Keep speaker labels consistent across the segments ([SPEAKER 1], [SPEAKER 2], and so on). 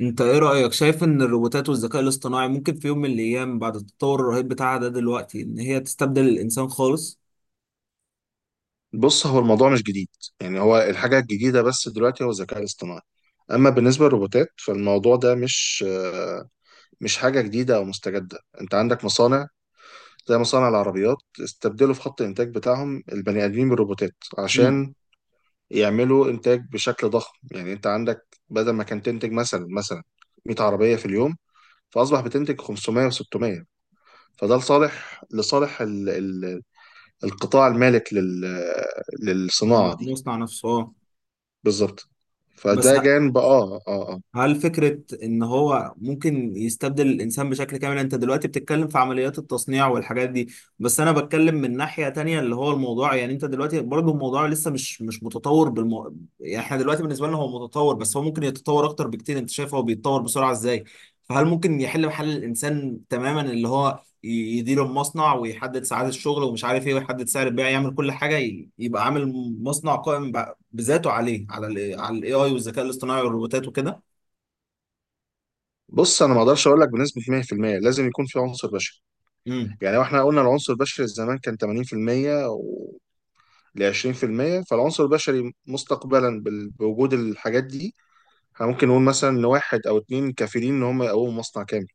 [SPEAKER 1] انت ايه رأيك شايف ان الروبوتات والذكاء الاصطناعي ممكن في يوم من الايام بعد التطور الرهيب بتاعها ده دلوقتي ان هي تستبدل الانسان خالص؟
[SPEAKER 2] بص، هو الموضوع مش جديد. يعني هو الحاجة الجديدة بس دلوقتي هو الذكاء الاصطناعي. أما بالنسبة للروبوتات فالموضوع ده مش مش حاجة جديدة أو مستجدة. أنت عندك مصانع زي مصانع العربيات استبدلوا في خط الإنتاج بتاعهم البني آدمين بالروبوتات
[SPEAKER 1] مم.
[SPEAKER 2] عشان يعملوا إنتاج بشكل ضخم. يعني أنت عندك بدل ما كان تنتج مثلا 100 عربية في اليوم، فأصبح بتنتج 500 و600. فده لصالح القطاع المالك للصناعة دي.
[SPEAKER 1] ويصنع نفسه اه.
[SPEAKER 2] بالظبط.
[SPEAKER 1] بس
[SPEAKER 2] فده جانب
[SPEAKER 1] هل فكرة إن هو ممكن يستبدل الإنسان بشكل كامل؟ أنت دلوقتي بتتكلم في عمليات التصنيع والحاجات دي، بس أنا بتكلم من ناحية تانية اللي هو الموضوع يعني أنت دلوقتي برضه الموضوع لسه مش متطور يعني إحنا دلوقتي بالنسبة لنا هو متطور بس هو ممكن يتطور أكتر بكتير، أنت شايف هو بيتطور بسرعة إزاي؟ فهل ممكن يحل محل الإنسان تماما اللي هو يدير المصنع ويحدد ساعات الشغل ومش عارف إيه ويحدد سعر البيع يعمل كل حاجة يبقى عامل مصنع قائم بذاته عليه على ال AI والذكاء الاصطناعي والروبوتات وكده؟
[SPEAKER 2] بص، انا ما اقدرش اقول لك بنسبه 100% لازم يكون في عنصر بشري.
[SPEAKER 1] امم
[SPEAKER 2] يعني واحنا قلنا العنصر البشري زمان كان 80% و ل 20%، فالعنصر البشري مستقبلا بوجود الحاجات دي احنا ممكن نقول مثلا ان واحد او اتنين كافيين ان هم يقوموا مصنع كامل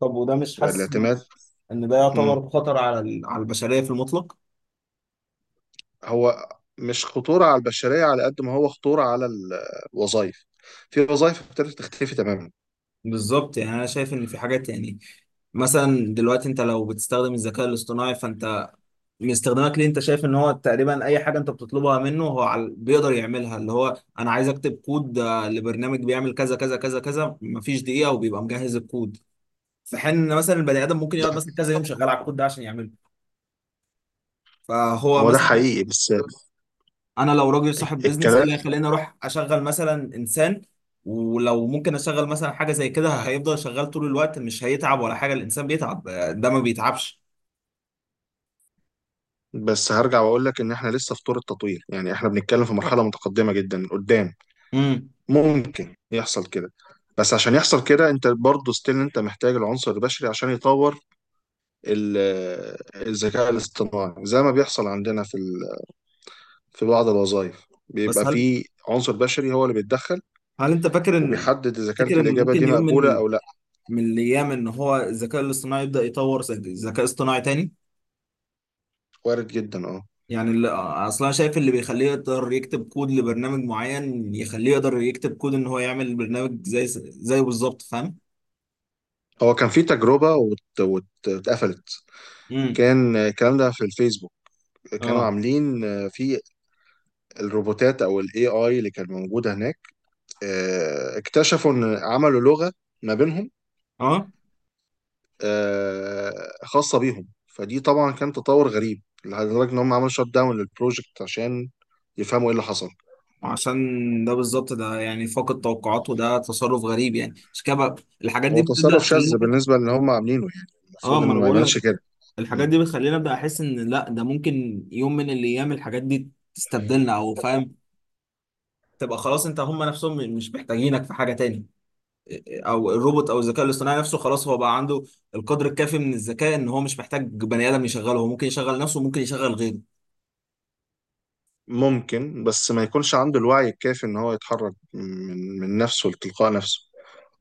[SPEAKER 1] طب وده مش حاسس
[SPEAKER 2] والاعتماد.
[SPEAKER 1] ان ده
[SPEAKER 2] مم.
[SPEAKER 1] يعتبر خطر على البشريه في المطلق.
[SPEAKER 2] هو مش خطوره على البشريه على قد ما هو خطوره على الوظائف. في وظائف ابتدت تختفي تماما.
[SPEAKER 1] بالظبط يعني انا شايف ان في حاجات يعني مثلا دلوقتي انت لو بتستخدم الذكاء الاصطناعي فانت من استخدامك ليه انت شايف ان هو تقريبا اي حاجه انت بتطلبها منه هو بيقدر يعملها اللي هو انا عايز اكتب كود لبرنامج بيعمل كذا كذا كذا كذا مفيش دقيقه وبيبقى مجهز الكود. في حين ان مثلا البني ادم ممكن يقعد مثلا كذا يوم شغال على الكود ده عشان يعمله، فهو
[SPEAKER 2] هو ده
[SPEAKER 1] مثلا
[SPEAKER 2] حقيقي بس
[SPEAKER 1] انا لو راجل صاحب بيزنس ايه
[SPEAKER 2] الكلام.
[SPEAKER 1] اللي هيخليني اروح اشغل مثلا انسان ولو ممكن اشغل مثلا حاجه زي كده هيفضل شغال طول الوقت مش هيتعب ولا حاجه. الانسان بيتعب، ده ما بيتعبش.
[SPEAKER 2] بس هرجع واقول لك ان احنا لسه في طور التطوير. يعني احنا بنتكلم في مرحله متقدمه جدا قدام،
[SPEAKER 1] امم
[SPEAKER 2] ممكن يحصل كده. بس عشان يحصل كده انت برضه ستيل انت محتاج العنصر البشري عشان يطور ال- الذكاء الاصطناعي. زي ما بيحصل عندنا في في بعض الوظائف
[SPEAKER 1] بس
[SPEAKER 2] بيبقى
[SPEAKER 1] هل
[SPEAKER 2] في عنصر بشري هو اللي بيتدخل
[SPEAKER 1] هل انت فاكر ان
[SPEAKER 2] وبيحدد اذا كانت
[SPEAKER 1] تفتكر ان
[SPEAKER 2] الاجابه
[SPEAKER 1] ممكن
[SPEAKER 2] دي
[SPEAKER 1] يوم
[SPEAKER 2] مقبوله
[SPEAKER 1] من
[SPEAKER 2] او لا.
[SPEAKER 1] من الايام ان هو الذكاء الاصطناعي يبدا يطور ذكاء اصطناعي تاني؟
[SPEAKER 2] وارد جدا، اه.
[SPEAKER 1] يعني اللي اصلا أنا شايف اللي بيخليه يقدر يكتب كود لبرنامج معين يخليه يقدر يكتب كود ان هو يعمل برنامج زي زيه بالظبط فاهم.
[SPEAKER 2] هو كان في تجربه واتقفلت.
[SPEAKER 1] امم
[SPEAKER 2] كان الكلام ده في الفيسبوك. كانوا
[SPEAKER 1] اه
[SPEAKER 2] عاملين في الروبوتات او الاي اي اللي كانت موجوده هناك، اكتشفوا ان عملوا لغه ما بينهم،
[SPEAKER 1] اه
[SPEAKER 2] آه، خاصه بيهم. فدي طبعا كان تطور غريب لدرجه ان هم عملوا شت داون للبروجكت عشان يفهموا ايه اللي حصل.
[SPEAKER 1] عشان ده بالظبط ده يعني فاقد توقعات وده تصرف غريب يعني عشان كده بقى الحاجات دي
[SPEAKER 2] هو
[SPEAKER 1] بتبدأ
[SPEAKER 2] تصرف
[SPEAKER 1] تخليني
[SPEAKER 2] شاذ بالنسبه للي هم عاملينه، يعني
[SPEAKER 1] اه
[SPEAKER 2] المفروض
[SPEAKER 1] ما
[SPEAKER 2] ان
[SPEAKER 1] انا
[SPEAKER 2] ما
[SPEAKER 1] بقول
[SPEAKER 2] يعملش
[SPEAKER 1] لك
[SPEAKER 2] كده.
[SPEAKER 1] الحاجات
[SPEAKER 2] مم.
[SPEAKER 1] دي بتخليني ابدا احس ان لا ده ممكن يوم من الايام الحاجات دي تستبدلنا او فاهم تبقى خلاص. انت هم نفسهم مش محتاجينك في حاجه تاني، او الروبوت او الذكاء الاصطناعي نفسه خلاص هو بقى عنده القدر الكافي من الذكاء ان هو مش محتاج بني ادم يشغله. هو ممكن يشغل نفسه وممكن يشغل غيره.
[SPEAKER 2] ممكن، بس ما يكونش عنده الوعي الكافي ان هو يتحرك من نفسه لتلقاء نفسه.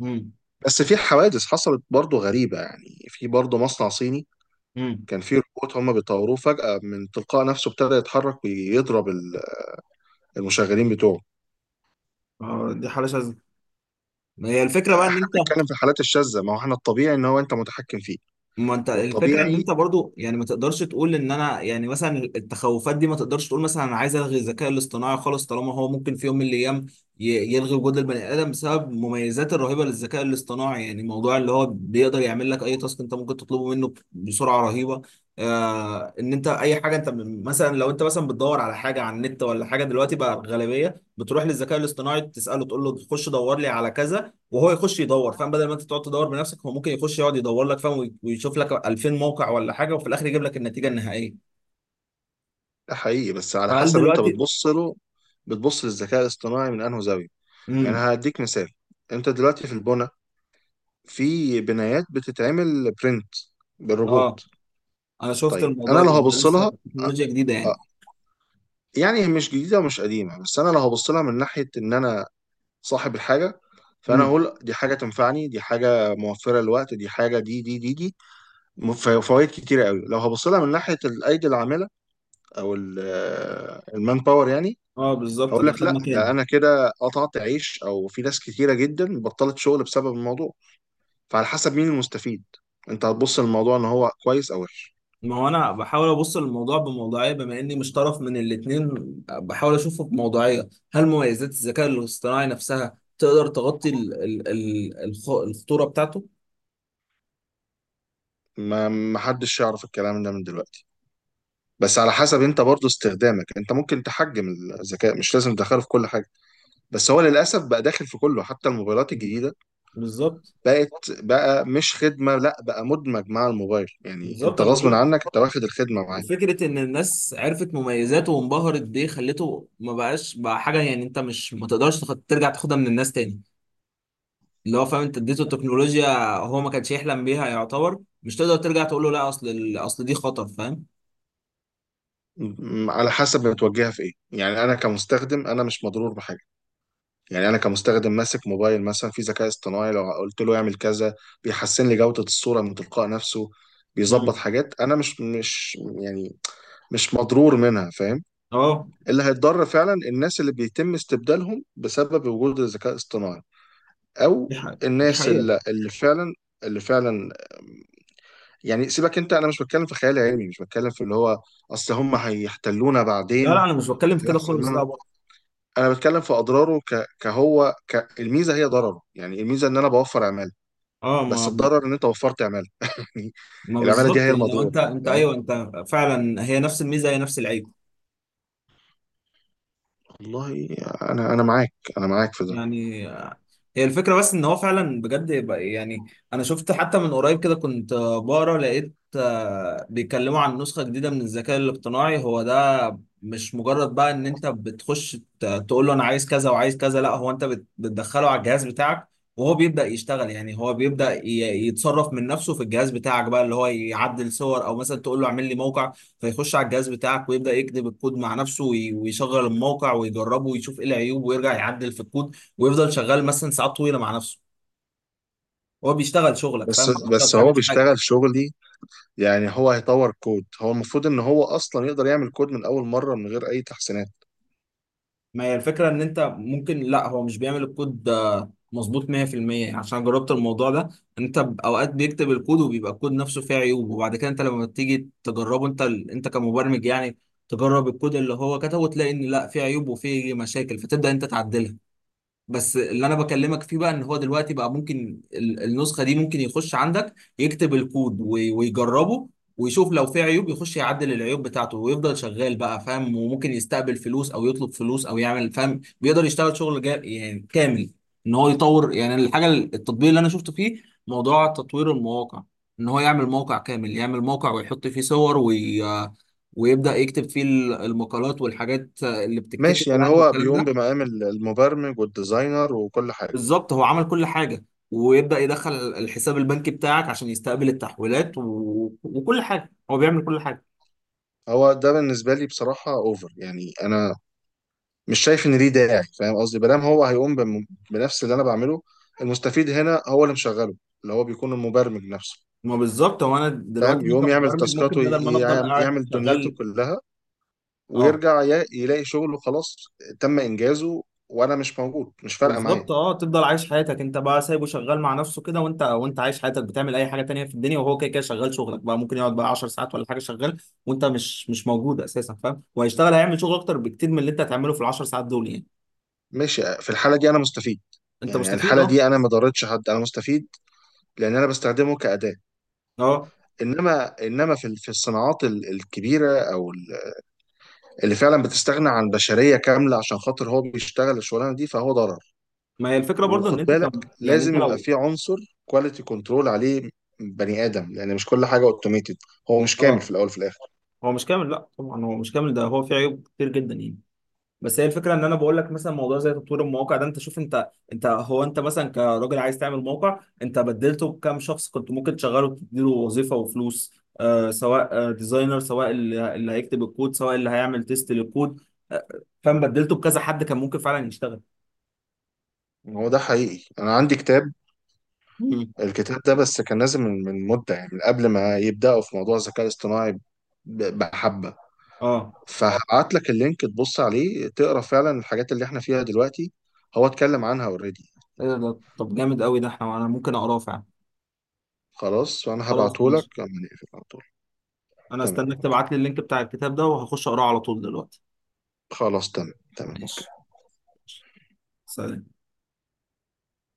[SPEAKER 1] امم
[SPEAKER 2] بس في حوادث حصلت برضه غريبة يعني. في برضه مصنع صيني
[SPEAKER 1] امم
[SPEAKER 2] كان في روبوت هم بيطوروه، فجأة من تلقاء نفسه ابتدى يتحرك ويضرب المشغلين بتوعه.
[SPEAKER 1] اه دي حاله شاذه. ما هي الفكره بقى ان
[SPEAKER 2] احنا
[SPEAKER 1] انت
[SPEAKER 2] بنتكلم في الحالات الشاذة، ما هو احنا الطبيعي ان هو انت متحكم فيه
[SPEAKER 1] ما انت الفكره ان
[SPEAKER 2] والطبيعي.
[SPEAKER 1] انت برضو يعني ما تقدرش تقول ان انا يعني مثلا التخوفات دي ما تقدرش تقول مثلا انا عايز الغي الذكاء الاصطناعي خالص طالما هو ممكن في يوم من الايام يلغي وجود البني ادم بسبب المميزات الرهيبه للذكاء الاصطناعي، يعني موضوع اللي هو بيقدر يعمل لك اي تاسك انت ممكن تطلبه منه بسرعه رهيبه. ان انت اي حاجه انت مثلا لو انت مثلا بتدور على حاجه على النت ولا حاجه دلوقتي بقى الغالبيه بتروح للذكاء الاصطناعي تساله تقول له خش دور لي على كذا وهو يخش يدور، فاهم؟ بدل ما انت تقعد تدور بنفسك هو ممكن يخش يقعد يدور لك فاهم ويشوف لك 2000 موقع ولا حاجه وفي الاخر يجيب لك النتيجه النهائيه.
[SPEAKER 2] ده حقيقي، بس على
[SPEAKER 1] فهل
[SPEAKER 2] حسب انت
[SPEAKER 1] دلوقتي
[SPEAKER 2] بتبص له. بتبص للذكاء الاصطناعي من انه زاوية؟ يعني
[SPEAKER 1] امم
[SPEAKER 2] هديك مثال. انت دلوقتي في البنا، في بنايات بتتعمل برنت
[SPEAKER 1] اه
[SPEAKER 2] بالروبوت.
[SPEAKER 1] انا شفت
[SPEAKER 2] طيب، انا
[SPEAKER 1] الموضوع
[SPEAKER 2] لو
[SPEAKER 1] ده
[SPEAKER 2] هبص
[SPEAKER 1] لسه
[SPEAKER 2] لها أ-
[SPEAKER 1] تكنولوجيا جديده
[SPEAKER 2] أ-
[SPEAKER 1] يعني.
[SPEAKER 2] يعني مش جديدة ومش قديمة. بس انا لو هبص لها من ناحية ان انا صاحب الحاجه، فانا
[SPEAKER 1] امم
[SPEAKER 2] هقول دي حاجه تنفعني، دي حاجه موفره للوقت، دي حاجه دي دي دي دي فوائد كتيره قوي. لو هبص لها من ناحيه الايدي العامله او المان باور، يعني
[SPEAKER 1] اه بالظبط
[SPEAKER 2] هقول
[SPEAKER 1] ده
[SPEAKER 2] لك
[SPEAKER 1] خد
[SPEAKER 2] لا، ده
[SPEAKER 1] مكاني.
[SPEAKER 2] انا كده قطعت عيش، او في ناس كتيره جدا بطلت شغل بسبب الموضوع. فعلى حسب مين المستفيد انت هتبص للموضوع ان هو كويس او وحش.
[SPEAKER 1] ما هو انا بحاول ابص للموضوع بموضوعيه بما اني مش طرف من الاثنين، بحاول اشوفه بموضوعيه. هل مميزات الذكاء الاصطناعي نفسها تقدر تغطي الخطوره بتاعته؟
[SPEAKER 2] ما ما حدش يعرف الكلام ده من دلوقتي. بس على حسب انت برضو استخدامك، انت ممكن تحجم الذكاء، مش لازم تدخله في كل حاجه. بس هو للاسف بقى داخل في كله، حتى الموبايلات الجديده
[SPEAKER 1] بالظبط
[SPEAKER 2] بقت، بقى مش خدمه لا، بقى مدمج مع الموبايل، يعني
[SPEAKER 1] بالظبط
[SPEAKER 2] انت
[SPEAKER 1] انا
[SPEAKER 2] غصب
[SPEAKER 1] بقول
[SPEAKER 2] عنك انت واخد الخدمه معاه.
[SPEAKER 1] وفكرة إن الناس عرفت مميزاته وانبهرت بيه خلته ما بقاش بقى حاجة يعني أنت مش ما تقدرش ترجع تاخدها من الناس تاني. اللي هو فاهم أنت اديته التكنولوجيا هو ما كانش يحلم بيها، يعتبر مش تقدر ترجع تقول له لا أصل دي خطر فاهم؟
[SPEAKER 2] على حسب بتوجهها في ايه. يعني انا كمستخدم انا مش مضرور بحاجه. يعني انا كمستخدم ماسك موبايل مثلا في ذكاء اصطناعي، لو قلت له يعمل كذا بيحسن لي جوده الصوره من تلقاء نفسه، بيظبط
[SPEAKER 1] امم
[SPEAKER 2] حاجات انا مش يعني مش مضرور منها، فاهم.
[SPEAKER 1] أه
[SPEAKER 2] اللي هيتضر فعلا الناس اللي بيتم استبدالهم بسبب وجود الذكاء الاصطناعي،
[SPEAKER 1] دي
[SPEAKER 2] او
[SPEAKER 1] حقيقة دي
[SPEAKER 2] الناس
[SPEAKER 1] حقيقة.
[SPEAKER 2] اللي فعلا اللي فعلا يعني سيبك انت، انا مش بتكلم في خيال علمي، مش بتكلم في اللي هو اصل هم هيحتلونا
[SPEAKER 1] لا لا
[SPEAKER 2] بعدين
[SPEAKER 1] أنا مش بتكلم في كده
[SPEAKER 2] وهيحصل
[SPEAKER 1] خالص
[SPEAKER 2] لنا.
[SPEAKER 1] لا برضه.
[SPEAKER 2] انا بتكلم في اضراره الميزه هي ضرره. يعني الميزه ان انا بوفر عماله،
[SPEAKER 1] أه
[SPEAKER 2] بس
[SPEAKER 1] ما
[SPEAKER 2] الضرر ان انت وفرت عماله يعني.
[SPEAKER 1] ما
[SPEAKER 2] العماله دي
[SPEAKER 1] بالظبط
[SPEAKER 2] هي
[SPEAKER 1] يعني هو
[SPEAKER 2] المضرور،
[SPEAKER 1] أنت
[SPEAKER 2] فاهم.
[SPEAKER 1] أيوه أنت فعلا هي نفس الميزة هي نفس العيب.
[SPEAKER 2] والله انا انا معاك في ده.
[SPEAKER 1] يعني هي الفكرة بس ان هو فعلا بجد يعني انا شفت حتى من قريب كده كنت بقرا لقيت بيتكلموا عن نسخة جديدة من الذكاء الاصطناعي. هو ده مش مجرد بقى ان انت بتخش تقول له انا عايز كذا وعايز كذا، لا هو انت بتدخله على الجهاز بتاعك وهو بيبدأ يشتغل. يعني هو بيبدأ يتصرف من نفسه في الجهاز بتاعك بقى اللي هو يعدل صور او مثلا تقول له اعمل لي موقع فيخش على الجهاز بتاعك ويبدأ يكتب الكود مع نفسه ويشغل الموقع ويجربه ويشوف ايه العيوب ويرجع يعدل في الكود ويفضل شغال مثلا ساعات طويله مع نفسه. هو بيشتغل شغلك فاهم
[SPEAKER 2] بس
[SPEAKER 1] انت ما
[SPEAKER 2] بس هو
[SPEAKER 1] بتعملش حاجه.
[SPEAKER 2] بيشتغل شغلي. يعني هو هيطور كود؟ هو المفروض ان هو اصلا يقدر يعمل كود من اول مره من غير اي تحسينات.
[SPEAKER 1] ما هي الفكره ان انت ممكن لا هو مش بيعمل الكود ده مظبوط 100% عشان جربت الموضوع ده. انت اوقات بيكتب الكود وبيبقى الكود نفسه فيه عيوب، وبعد كده انت لما تيجي تجربه انت انت كمبرمج يعني تجرب الكود اللي هو كتبه وتلاقي ان لا فيه عيوب وفيه مشاكل فتبدا انت تعدلها. بس اللي انا بكلمك فيه بقى ان هو دلوقتي بقى ممكن النسخه دي ممكن يخش عندك يكتب الكود ويجربه ويشوف لو في عيوب يخش يعدل العيوب بتاعته ويفضل شغال بقى فاهم وممكن يستقبل فلوس او يطلب فلوس او يعمل فاهم. بيقدر يشتغل شغل جا يعني كامل، ان هو يطور يعني الحاجه التطبيق اللي انا شفته فيه موضوع تطوير المواقع. ان هو يعمل موقع كامل، يعمل موقع ويحط فيه صور ويبدأ يكتب فيه المقالات والحاجات اللي بتتكتب
[SPEAKER 2] ماشي، يعني
[SPEAKER 1] يعني
[SPEAKER 2] هو
[SPEAKER 1] والكلام
[SPEAKER 2] بيقوم
[SPEAKER 1] ده.
[SPEAKER 2] بمقام المبرمج والديزاينر وكل حاجة.
[SPEAKER 1] بالظبط هو عمل كل حاجة. ويبدأ يدخل الحساب البنكي بتاعك عشان يستقبل التحويلات وكل حاجة هو بيعمل كل حاجة.
[SPEAKER 2] هو ده بالنسبة لي بصراحة اوفر. يعني انا مش شايف ان ليه داعي، فاهم قصدي؟ بلام هو هيقوم بنفس اللي انا بعمله. المستفيد هنا هو اللي مشغله، اللي هو بيكون المبرمج نفسه،
[SPEAKER 1] ما بالظبط هو انا دلوقتي
[SPEAKER 2] فاهم.
[SPEAKER 1] أنا
[SPEAKER 2] يقوم يعمل
[SPEAKER 1] كمبرمج ممكن
[SPEAKER 2] تاسكاته،
[SPEAKER 1] بدل ما انا افضل قاعد
[SPEAKER 2] يعمل دنيته
[SPEAKER 1] شغال.
[SPEAKER 2] كلها،
[SPEAKER 1] اه
[SPEAKER 2] ويرجع يلاقي شغله خلاص تم انجازه وانا مش موجود. مش فارقة معايا.
[SPEAKER 1] بالظبط اه تفضل عايش حياتك انت بقى سايبه شغال مع نفسه كده، وانت عايش حياتك بتعمل اي حاجة تانية في الدنيا وهو كده كده شغال شغلك بقى ممكن يقعد بقى 10 ساعات ولا حاجة شغال وانت مش موجود اساسا فاهم وهيشتغل هيعمل شغل اكتر بكتير من اللي انت هتعمله في ال 10 ساعات دول يعني.
[SPEAKER 2] ماشي، في الحالة دي انا مستفيد.
[SPEAKER 1] انت
[SPEAKER 2] يعني
[SPEAKER 1] مستفيد
[SPEAKER 2] الحالة
[SPEAKER 1] اه.
[SPEAKER 2] دي انا ما ضرتش حد، انا مستفيد، لان انا بستخدمه كأداة.
[SPEAKER 1] اه
[SPEAKER 2] انما في في الصناعات الكبيره اللي فعلا بتستغنى عن بشريه كامله عشان خاطر هو بيشتغل الشغلانه دي، فهو ضرر.
[SPEAKER 1] ما هي الفكرة برضه ان
[SPEAKER 2] وخد
[SPEAKER 1] انت
[SPEAKER 2] بالك،
[SPEAKER 1] كم يعني انت
[SPEAKER 2] لازم يبقى
[SPEAKER 1] لو
[SPEAKER 2] في عنصر كواليتي كنترول عليه بني ادم، لان مش كل حاجه اوتوميتد. هو مش كامل
[SPEAKER 1] اه
[SPEAKER 2] في الاول وفي الاخر.
[SPEAKER 1] هو مش كامل. لا طبعا هو مش كامل ده هو فيه عيوب كتير جدا يعني. بس هي الفكره ان انا بقول لك مثلا موضوع زي تطوير المواقع ده انت شوف انت هو انت مثلا كراجل عايز تعمل موقع انت بدلته بكام شخص كنت ممكن تشغله تديله وظيفه وفلوس، سواء ديزاينر سواء اللي هيكتب الكود سواء اللي هيعمل تيست للكود، آه فاهم بدلته بكذا حد كان ممكن فعلا يشتغل.
[SPEAKER 2] هو ده حقيقي. انا عندي كتاب،
[SPEAKER 1] مم.
[SPEAKER 2] الكتاب ده بس كان نازل من مده، يعني من قبل ما يبداوا في موضوع الذكاء الاصطناعي، بحبه.
[SPEAKER 1] اه
[SPEAKER 2] فهبعت لك اللينك تبص عليه تقرا فعلا الحاجات اللي احنا فيها دلوقتي هو اتكلم عنها اوريدي.
[SPEAKER 1] ايه ده طب جامد قوي، ده احنا انا ممكن اقراه فعلا.
[SPEAKER 2] خلاص، فأنا
[SPEAKER 1] خلاص
[SPEAKER 2] هبعتهولك
[SPEAKER 1] ماشي.
[SPEAKER 2] لما نقفل على طول.
[SPEAKER 1] انا
[SPEAKER 2] تمام،
[SPEAKER 1] استناك
[SPEAKER 2] أوكي.
[SPEAKER 1] تبعت لي اللينك بتاع الكتاب ده وهخش اقراه على طول دلوقتي.
[SPEAKER 2] خلاص، تمام أوكي.
[SPEAKER 1] ماشي سلام.